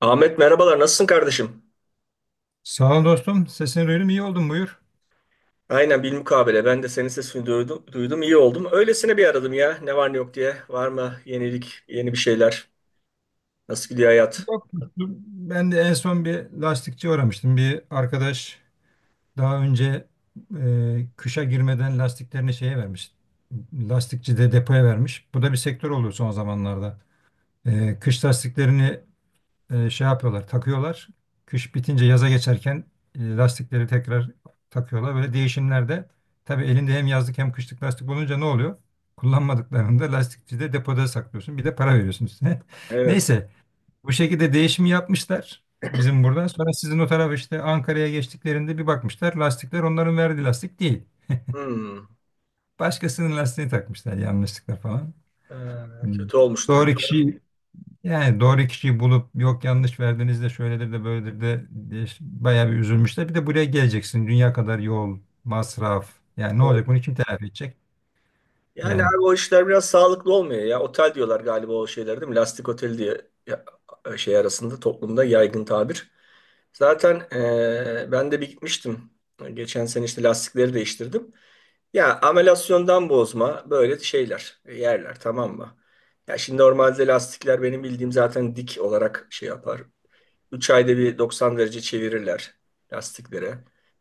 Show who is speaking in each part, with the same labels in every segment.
Speaker 1: Ahmet merhabalar nasılsın kardeşim?
Speaker 2: Sağ ol dostum. Sesini duydum. İyi oldun. Buyur.
Speaker 1: Aynen bilmukabele ben de senin sesini duydum, duydum iyi oldum. Öylesine bir aradım ya ne var ne yok diye. Var mı yenilik yeni bir şeyler? Nasıl gidiyor hayat?
Speaker 2: Yok, dostum. Ben de en son bir lastikçi uğramıştım. Bir arkadaş daha önce kışa girmeden lastiklerini şeye vermiş. Lastikçi de depoya vermiş. Bu da bir sektör oluyor son zamanlarda. E, kış lastiklerini şey yapıyorlar, takıyorlar. Kış bitince yaza geçerken lastikleri tekrar takıyorlar. Böyle değişimlerde tabii elinde hem yazlık hem kışlık lastik olunca ne oluyor? Kullanmadıklarında lastikçide depoda saklıyorsun. Bir de para veriyorsun üstüne.
Speaker 1: Evet.
Speaker 2: Neyse bu şekilde değişimi yapmışlar bizim burada. Sonra sizin o tarafa işte Ankara'ya geçtiklerinde bir bakmışlar, lastikler onların verdiği lastik değil.
Speaker 1: Hmm.
Speaker 2: Başkasının lastiğini takmışlar yanlışlıkla falan.
Speaker 1: Ee,
Speaker 2: Hmm.
Speaker 1: kötü olmuştur.
Speaker 2: Doğru kişi, yani doğru kişiyi bulup yok yanlış verdiniz de şöyledir de böyledir de diye bayağı bir üzülmüşler. Bir de buraya geleceksin. Dünya kadar yol, masraf. Yani ne
Speaker 1: Evet.
Speaker 2: olacak? Bunu kim telafi edecek?
Speaker 1: Yani
Speaker 2: Yani.
Speaker 1: abi o işler biraz sağlıklı olmuyor ya. Otel diyorlar galiba o şeyler değil mi? Lastik otel diye ya- şey arasında toplumda yaygın tabir. Zaten ben de bir gitmiştim. Geçen sene işte lastikleri değiştirdim. Ya amelasyondan bozma böyle şeyler, yerler tamam mı? Ya şimdi normalde lastikler benim bildiğim zaten dik olarak şey yapar. 3 ayda bir 90 derece çevirirler lastikleri.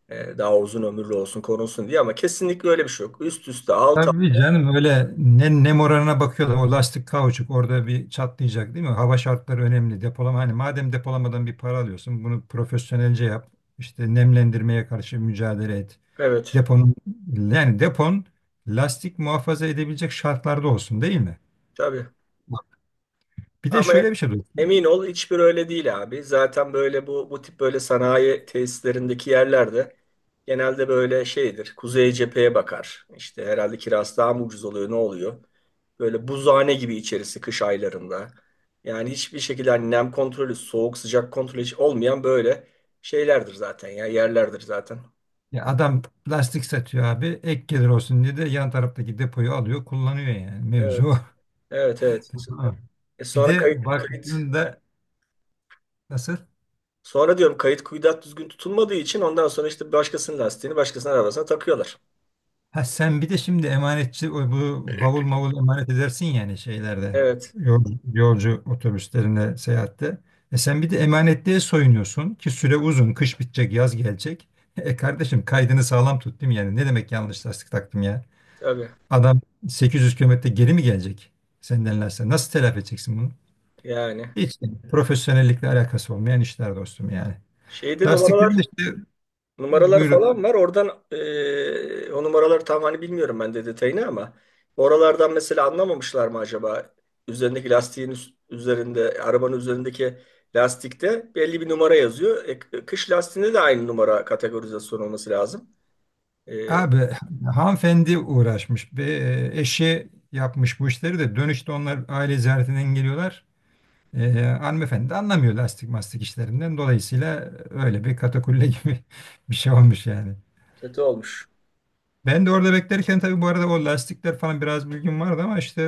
Speaker 1: Daha uzun ömürlü olsun korunsun diye ama kesinlikle öyle bir şey yok. Üst üste alt alt.
Speaker 2: Tabii canım, öyle ne moralına bakıyorlar. O lastik kauçuk orada bir çatlayacak değil mi? Hava şartları önemli. Depolama, hani madem depolamadan bir para alıyorsun bunu profesyonelce yap. İşte nemlendirmeye karşı mücadele et.
Speaker 1: Evet,
Speaker 2: Deponun, yani depon lastik muhafaza edebilecek şartlarda olsun değil mi?
Speaker 1: tabii.
Speaker 2: Bir de
Speaker 1: Ama
Speaker 2: şöyle bir şey duydum.
Speaker 1: emin ol hiçbir öyle değil abi. Zaten böyle bu tip böyle sanayi tesislerindeki yerlerde genelde böyle şeydir. Kuzey cepheye bakar. İşte herhalde kirası daha mı ucuz oluyor ne oluyor? Böyle buzhane gibi içerisi kış aylarında. Yani hiçbir şekilde hani nem kontrolü, soğuk sıcak kontrolü hiç olmayan böyle şeylerdir zaten ya yerlerdir zaten.
Speaker 2: Ya adam plastik satıyor abi. Ek gelir olsun diye de yan taraftaki depoyu alıyor, kullanıyor yani. Mevzu
Speaker 1: Evet,
Speaker 2: o.
Speaker 1: evet, evet.
Speaker 2: Ha. Bir
Speaker 1: Sonra
Speaker 2: de
Speaker 1: kayıt, kayıt.
Speaker 2: baktığında nasıl?
Speaker 1: Sonra diyorum kayıt kuyudat düzgün tutulmadığı için ondan sonra işte başkasının lastiğini başkasının arabasına takıyorlar.
Speaker 2: Ha, sen bir de şimdi emanetçi, o bu bavul mavul emanet edersin yani şeylerde.
Speaker 1: Evet,
Speaker 2: Yol, Yolcu otobüslerinde seyahatte. E sen bir de emanetliğe soyunuyorsun ki süre uzun. Kış bitecek, yaz gelecek. E kardeşim, kaydını sağlam tut değil mi yani? Ne demek yanlış lastik taktım ya?
Speaker 1: tabii.
Speaker 2: Adam 800 kilometre geri mi gelecek senden lastik? Nasıl telafi edeceksin bunu?
Speaker 1: Yani
Speaker 2: Hiç profesyonellikle alakası olmayan işler dostum, yani.
Speaker 1: şeyde numaralar.
Speaker 2: Lastiklerin de işte
Speaker 1: Numaralar
Speaker 2: buyur
Speaker 1: falan var. Oradan o numaraları tam hani bilmiyorum ben de detayını ama oralardan mesela anlamamışlar mı acaba? Üzerindeki lastiğin üzerinde, arabanın üzerindeki lastikte belli bir numara yazıyor. Kış lastiğinde de aynı numara kategorizasyon olması lazım. Eee,
Speaker 2: abi, hanımefendi uğraşmış. Eşi yapmış bu işleri, de dönüşte onlar aile ziyaretinden geliyorlar. E, hanımefendi de anlamıyor lastik mastik işlerinden. Dolayısıyla öyle bir katakulle gibi bir şey olmuş yani.
Speaker 1: kötü olmuş.
Speaker 2: Ben de orada beklerken tabii bu arada o lastikler falan biraz bilgim vardı ama işte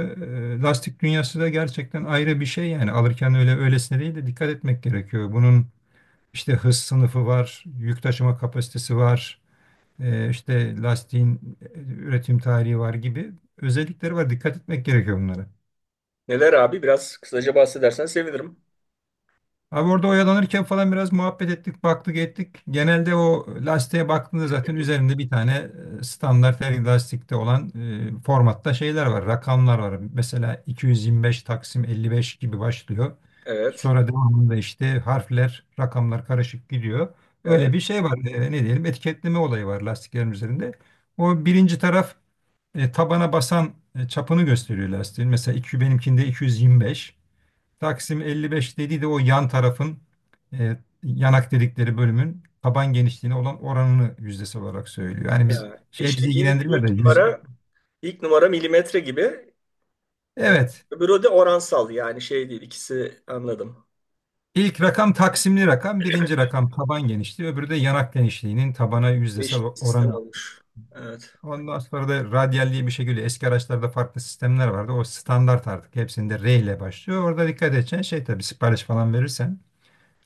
Speaker 2: lastik dünyası da gerçekten ayrı bir şey, yani alırken öyle öylesine değil de dikkat etmek gerekiyor. Bunun İşte hız sınıfı var, yük taşıma kapasitesi var, işte lastiğin üretim tarihi var gibi özellikleri var. Dikkat etmek gerekiyor bunlara.
Speaker 1: Neler abi? Biraz kısaca bahsedersen sevinirim.
Speaker 2: Abi orada oyalanırken falan biraz muhabbet ettik, baktık ettik. Genelde o lastiğe baktığında zaten üzerinde bir tane standart her lastikte olan formatta şeyler var, rakamlar var. Mesela 225 taksim 55 gibi başlıyor.
Speaker 1: Evet,
Speaker 2: Sonra devamında işte harfler, rakamlar karışık gidiyor. Öyle bir
Speaker 1: evet.
Speaker 2: şey var. Ne diyelim, etiketleme olayı var lastiklerin üzerinde. O birinci taraf, tabana basan çapını gösteriyor lastiğin. Mesela iki, benimkinde 225. Taksim 55 dediği de o yan tarafın, e, yanak dedikleri bölümün taban genişliğine olan oranını yüzdesi olarak söylüyor. Yani biz
Speaker 1: Ha,
Speaker 2: şey,
Speaker 1: İşte
Speaker 2: bizi
Speaker 1: ilk,
Speaker 2: ilgilendirmiyor da
Speaker 1: ilk
Speaker 2: yüz...
Speaker 1: numara ilk numara milimetre gibi. E,
Speaker 2: Evet.
Speaker 1: öbürü de oransal yani şey değil. İkisi anladım.
Speaker 2: İlk rakam, taksimli rakam, birinci rakam taban genişliği, öbürü de yanak genişliğinin tabana yüzdesel
Speaker 1: Değişik bir sistem
Speaker 2: oranı.
Speaker 1: olmuş. Evet.
Speaker 2: Ondan sonra da radyal diye bir şey geliyor. Eski araçlarda farklı sistemler vardı. O standart artık. Hepsinde R ile başlıyor. Orada dikkat edeceksin, şey tabii sipariş falan verirsen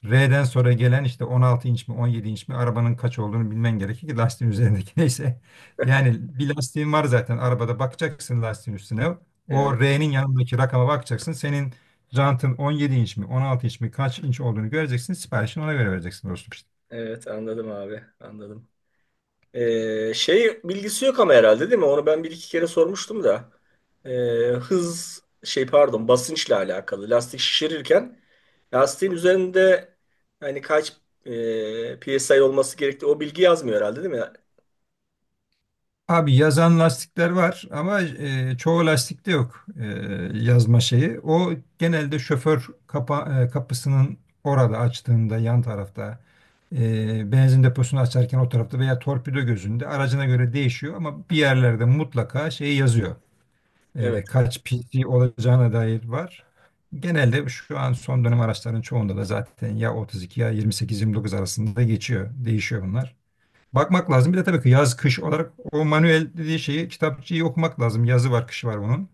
Speaker 2: R'den sonra gelen işte 16 inç mi 17 inç mi, arabanın kaç olduğunu bilmen gerekir ki lastiğin üzerindeki neyse. Yani bir lastiğin var zaten arabada, bakacaksın lastiğin üstüne.
Speaker 1: Evet,
Speaker 2: O R'nin yanındaki rakama bakacaksın. Senin jantın 17 inç mi 16 inç mi kaç inç olduğunu göreceksin. Siparişini ona göre vereceksin dostum, işte.
Speaker 1: evet anladım abi, anladım. Şey bilgisi yok ama herhalde değil mi? Onu ben bir iki kere sormuştum da. Ee, hız şey pardon basınçla alakalı. Lastik şişirirken lastiğin üzerinde hani kaç PSI olması gerektiği o bilgi yazmıyor herhalde değil mi?
Speaker 2: Abi yazan lastikler var ama çoğu lastikte yok yazma şeyi. O genelde şoför kapısının orada açtığında yan tarafta, benzin deposunu açarken o tarafta veya torpido gözünde aracına göre değişiyor ama bir yerlerde mutlaka şey yazıyor.
Speaker 1: Evet,
Speaker 2: E, kaç PC olacağına dair var. Genelde şu an son dönem araçların çoğunda da zaten ya 32 ya 28-29 arasında geçiyor. Değişiyor bunlar. Bakmak lazım. Bir de tabii ki yaz kış olarak o manuel dediği şeyi, kitapçıyı okumak lazım. Yazı var kışı var bunun.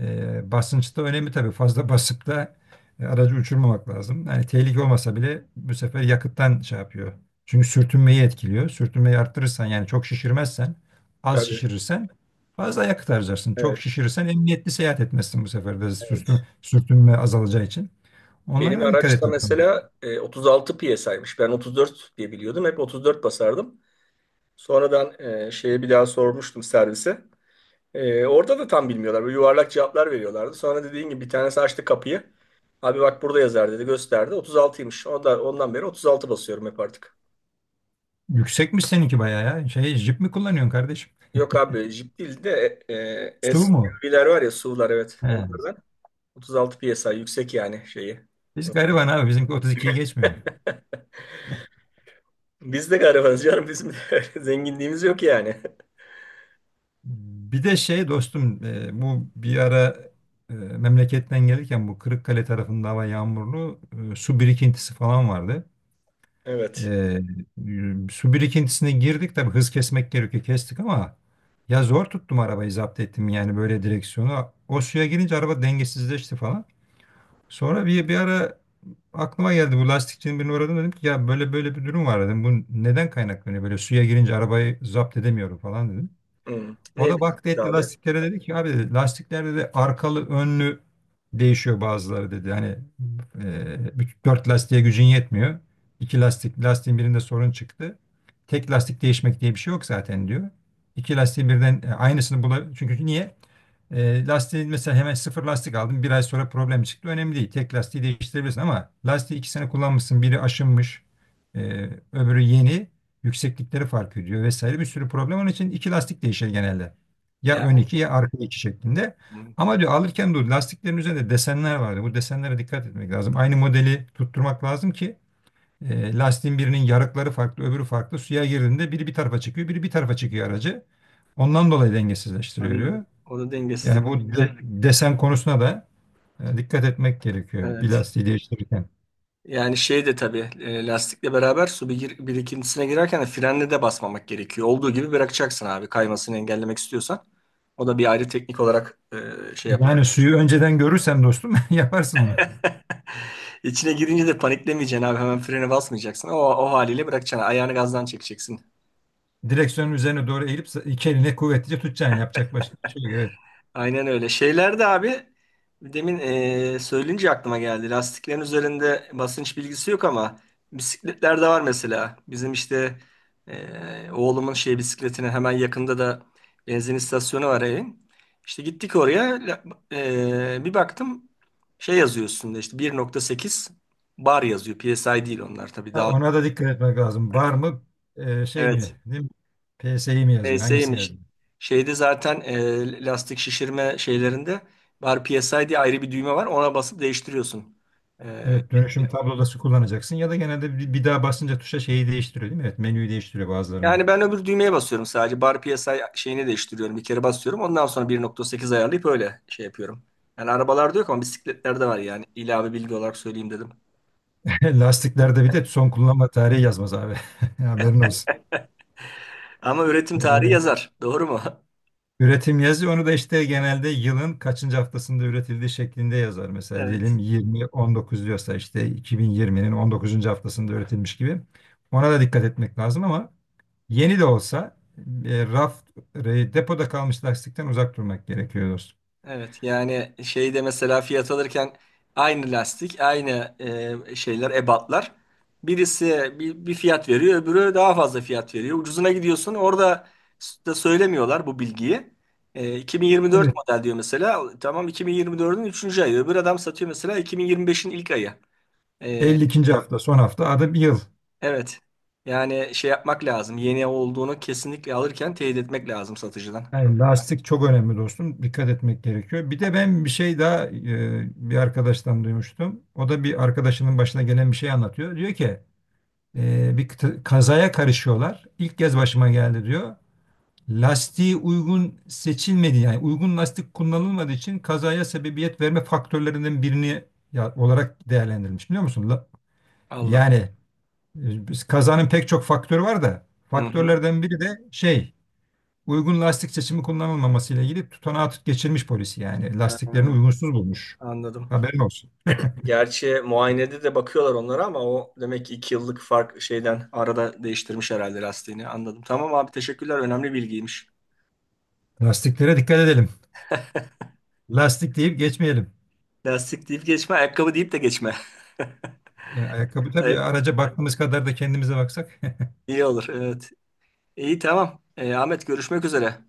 Speaker 2: Basınç önemli tabii. Fazla basıp da aracı uçurmamak lazım. Yani tehlike olmasa bile bu sefer yakıttan şey yapıyor. Çünkü sürtünmeyi etkiliyor. Sürtünmeyi arttırırsan, yani çok şişirmezsen az
Speaker 1: tabii.
Speaker 2: şişirirsen fazla yakıt harcarsın. Çok
Speaker 1: Evet,
Speaker 2: şişirirsen emniyetli seyahat etmezsin bu sefer de,
Speaker 1: evet.
Speaker 2: sürtünme azalacağı için. Onlara
Speaker 1: Benim
Speaker 2: da dikkat
Speaker 1: araçta
Speaker 2: etmek lazım.
Speaker 1: mesela 36 PSI'ymış. Ben 34 diye biliyordum. Hep 34 basardım. Sonradan şeye bir daha sormuştum servise. Orada da tam bilmiyorlar. Böyle yuvarlak cevaplar veriyorlardı. Sonra dediğin gibi bir tanesi açtı kapıyı. Abi bak burada yazar dedi gösterdi. 36'ymış. Ondan beri 36 basıyorum hep artık.
Speaker 2: Yüksekmiş seninki bayağı ya. Şey, jip mi kullanıyorsun kardeşim?
Speaker 1: Yok abi jip değil de
Speaker 2: Su mu?
Speaker 1: SUV'ler var ya SUV'lar evet
Speaker 2: He.
Speaker 1: onlardan. 36 psi yüksek yani şeyi.
Speaker 2: Biz gariban abi, bizimki 32'yi geçmiyor.
Speaker 1: Biz de garibanız canım bizim de zenginliğimiz yok yani.
Speaker 2: Bir de şey dostum, bu bir ara memleketten gelirken bu Kırıkkale tarafında hava yağmurlu, su birikintisi falan vardı. E,
Speaker 1: Evet.
Speaker 2: su birikintisine girdik, tabii hız kesmek gerekiyor, kestik ama ya zor tuttum arabayı, zapt ettim yani böyle direksiyonu. O suya girince araba dengesizleşti falan. Sonra bir ara aklıma geldi, bu lastikçinin birini uğradım, dedim ki ya böyle böyle bir durum var dedim. Bu neden kaynaklanıyor, böyle suya girince arabayı zapt edemiyorum falan.
Speaker 1: Hmm.
Speaker 2: O
Speaker 1: Ne
Speaker 2: da
Speaker 1: bileyim
Speaker 2: baktı etti
Speaker 1: abi.
Speaker 2: lastiklere, dedi ki abi dedi, lastiklerde de arkalı önlü değişiyor bazıları dedi. Hani bütün dört lastiğe gücün yetmiyor. İki lastik Lastiğin birinde sorun çıktı. Tek lastik değişmek diye bir şey yok zaten diyor. İki lastiğin birden aynısını bulabilir. Çünkü niye? E, lastiği mesela hemen sıfır lastik aldım, bir ay sonra problem çıktı. Önemli değil. Tek lastiği değiştirebilirsin ama lastiği iki sene kullanmışsın. Biri aşınmış, e, öbürü yeni. Yükseklikleri fark ediyor vesaire, bir sürü problem. Onun için iki lastik değişir genelde. Ya ön
Speaker 1: Yani
Speaker 2: iki ya arka iki şeklinde.
Speaker 1: hmm,
Speaker 2: Ama diyor alırken dur, lastiklerin üzerinde desenler vardı. Bu desenlere dikkat etmek lazım. Aynı modeli tutturmak lazım ki lastiğin birinin yarıkları farklı, öbürü farklı. Suya girdiğinde biri bir tarafa çıkıyor, biri bir tarafa çıkıyor aracı. Ondan dolayı dengesizleştiriyor diyor.
Speaker 1: anladım. O da dengesizlik.
Speaker 2: Yani bu desen konusuna da dikkat etmek gerekiyor bir
Speaker 1: Evet.
Speaker 2: lastiği değiştirirken.
Speaker 1: Yani şey de tabii lastikle beraber su birikintisine girerken de frenle de basmamak gerekiyor. Olduğu gibi bırakacaksın abi kaymasını engellemek istiyorsan. O da bir ayrı teknik olarak şey yapılır.
Speaker 2: Yani suyu önceden görürsen dostum, yaparsın onu.
Speaker 1: İçine girince de paniklemeyeceksin abi hemen frene basmayacaksın. O haliyle bırakacaksın ayağını gazdan çekeceksin.
Speaker 2: Direksiyonun üzerine doğru eğilip iki eline kuvvetlice tutacaksın. Yapacak başka bir şey yok. Evet.
Speaker 1: Aynen öyle. Şeyler de abi demin söyleyince aklıma geldi. Lastiklerin üzerinde basınç bilgisi yok ama bisikletlerde var mesela. Bizim işte oğlumun şey bisikletine hemen yakında da benzin istasyonu var evin. İşte gittik oraya bir baktım şey yazıyor üstünde işte 1.8 bar yazıyor. PSI değil onlar tabii
Speaker 2: Ha,
Speaker 1: daha.
Speaker 2: ona da dikkat etmek lazım. Var mı şey
Speaker 1: Evet.
Speaker 2: mi değil mi? PS'yi mi yazıyor? Hangisini
Speaker 1: PS'ymiş.
Speaker 2: yazıyor?
Speaker 1: Şeyde zaten lastik şişirme şeylerinde bar PSI diye ayrı bir düğme var. Ona basıp değiştiriyorsun. E,
Speaker 2: Evet, dönüşüm tablodası kullanacaksın ya da genelde bir daha basınca tuşa şeyi değiştiriyor değil mi? Evet, menüyü değiştiriyor bazılarında.
Speaker 1: yani ben öbür düğmeye basıyorum sadece. Bar PSI şeyini değiştiriyorum. Bir kere basıyorum. Ondan sonra 1.8 ayarlayıp öyle şey yapıyorum. Yani arabalarda yok ama bisikletlerde var yani. İlave bilgi olarak söyleyeyim dedim.
Speaker 2: Lastiklerde bir de son kullanma tarihi yazmaz abi. Haberin olsun.
Speaker 1: Ama üretim tarihi
Speaker 2: Yani,
Speaker 1: yazar. Doğru mu?
Speaker 2: üretim yazıyor. Onu da işte genelde yılın kaçıncı haftasında üretildiği şeklinde yazar. Mesela
Speaker 1: Evet.
Speaker 2: diyelim 20-19 diyorsa işte 2020'nin 19. haftasında üretilmiş gibi. Ona da dikkat etmek lazım ama yeni de olsa, e, raf, depoda kalmış lastikten uzak durmak gerekiyor dostum.
Speaker 1: Evet yani şeyde mesela fiyat alırken aynı lastik, aynı şeyler, ebatlar. Birisi bir fiyat veriyor, öbürü daha fazla fiyat veriyor. Ucuzuna gidiyorsun. Orada da söylemiyorlar bu bilgiyi. 2024
Speaker 2: Evet.
Speaker 1: model diyor mesela. Tamam 2024'ün üçüncü ayı. Öbür adam satıyor mesela 2025'in ilk ayı. E,
Speaker 2: 52. hafta, son hafta, adı bir yıl.
Speaker 1: Evet. Yani şey yapmak lazım. Yeni olduğunu kesinlikle alırken teyit etmek lazım satıcıdan.
Speaker 2: Yani lastik çok önemli dostum. Dikkat etmek gerekiyor. Bir de ben bir şey daha bir arkadaştan duymuştum. O da bir arkadaşının başına gelen bir şey anlatıyor. Diyor ki, bir kazaya karışıyorlar. İlk kez başıma geldi diyor. Lastiği uygun seçilmedi, yani uygun lastik kullanılmadığı için kazaya sebebiyet verme faktörlerinden birini ya, olarak değerlendirilmiş, biliyor musun?
Speaker 1: Allah Allah.
Speaker 2: Yani kazanın pek çok faktörü var da
Speaker 1: Hı hı.
Speaker 2: faktörlerden biri de şey, uygun lastik seçimi kullanılmaması ile ilgili tutanağı geçirmiş polisi, yani
Speaker 1: Ha,
Speaker 2: lastiklerini uygunsuz bulmuş.
Speaker 1: anladım.
Speaker 2: Haberin olsun.
Speaker 1: Gerçi muayenede de bakıyorlar onlara ama o demek ki 2 yıllık fark şeyden arada değiştirmiş herhalde lastiğini. Anladım. Tamam abi teşekkürler. Önemli bilgiymiş.
Speaker 2: Lastiklere dikkat edelim. Lastik deyip geçmeyelim.
Speaker 1: Lastik deyip geçme, ayakkabı deyip de geçme.
Speaker 2: Ya, ayakkabı tabii,
Speaker 1: Evet,
Speaker 2: araca baktığımız kadar da kendimize baksak.
Speaker 1: iyi olur. Evet. İyi tamam. Ahmet görüşmek üzere.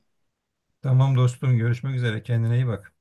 Speaker 2: Tamam dostum, görüşmek üzere, kendine iyi bak.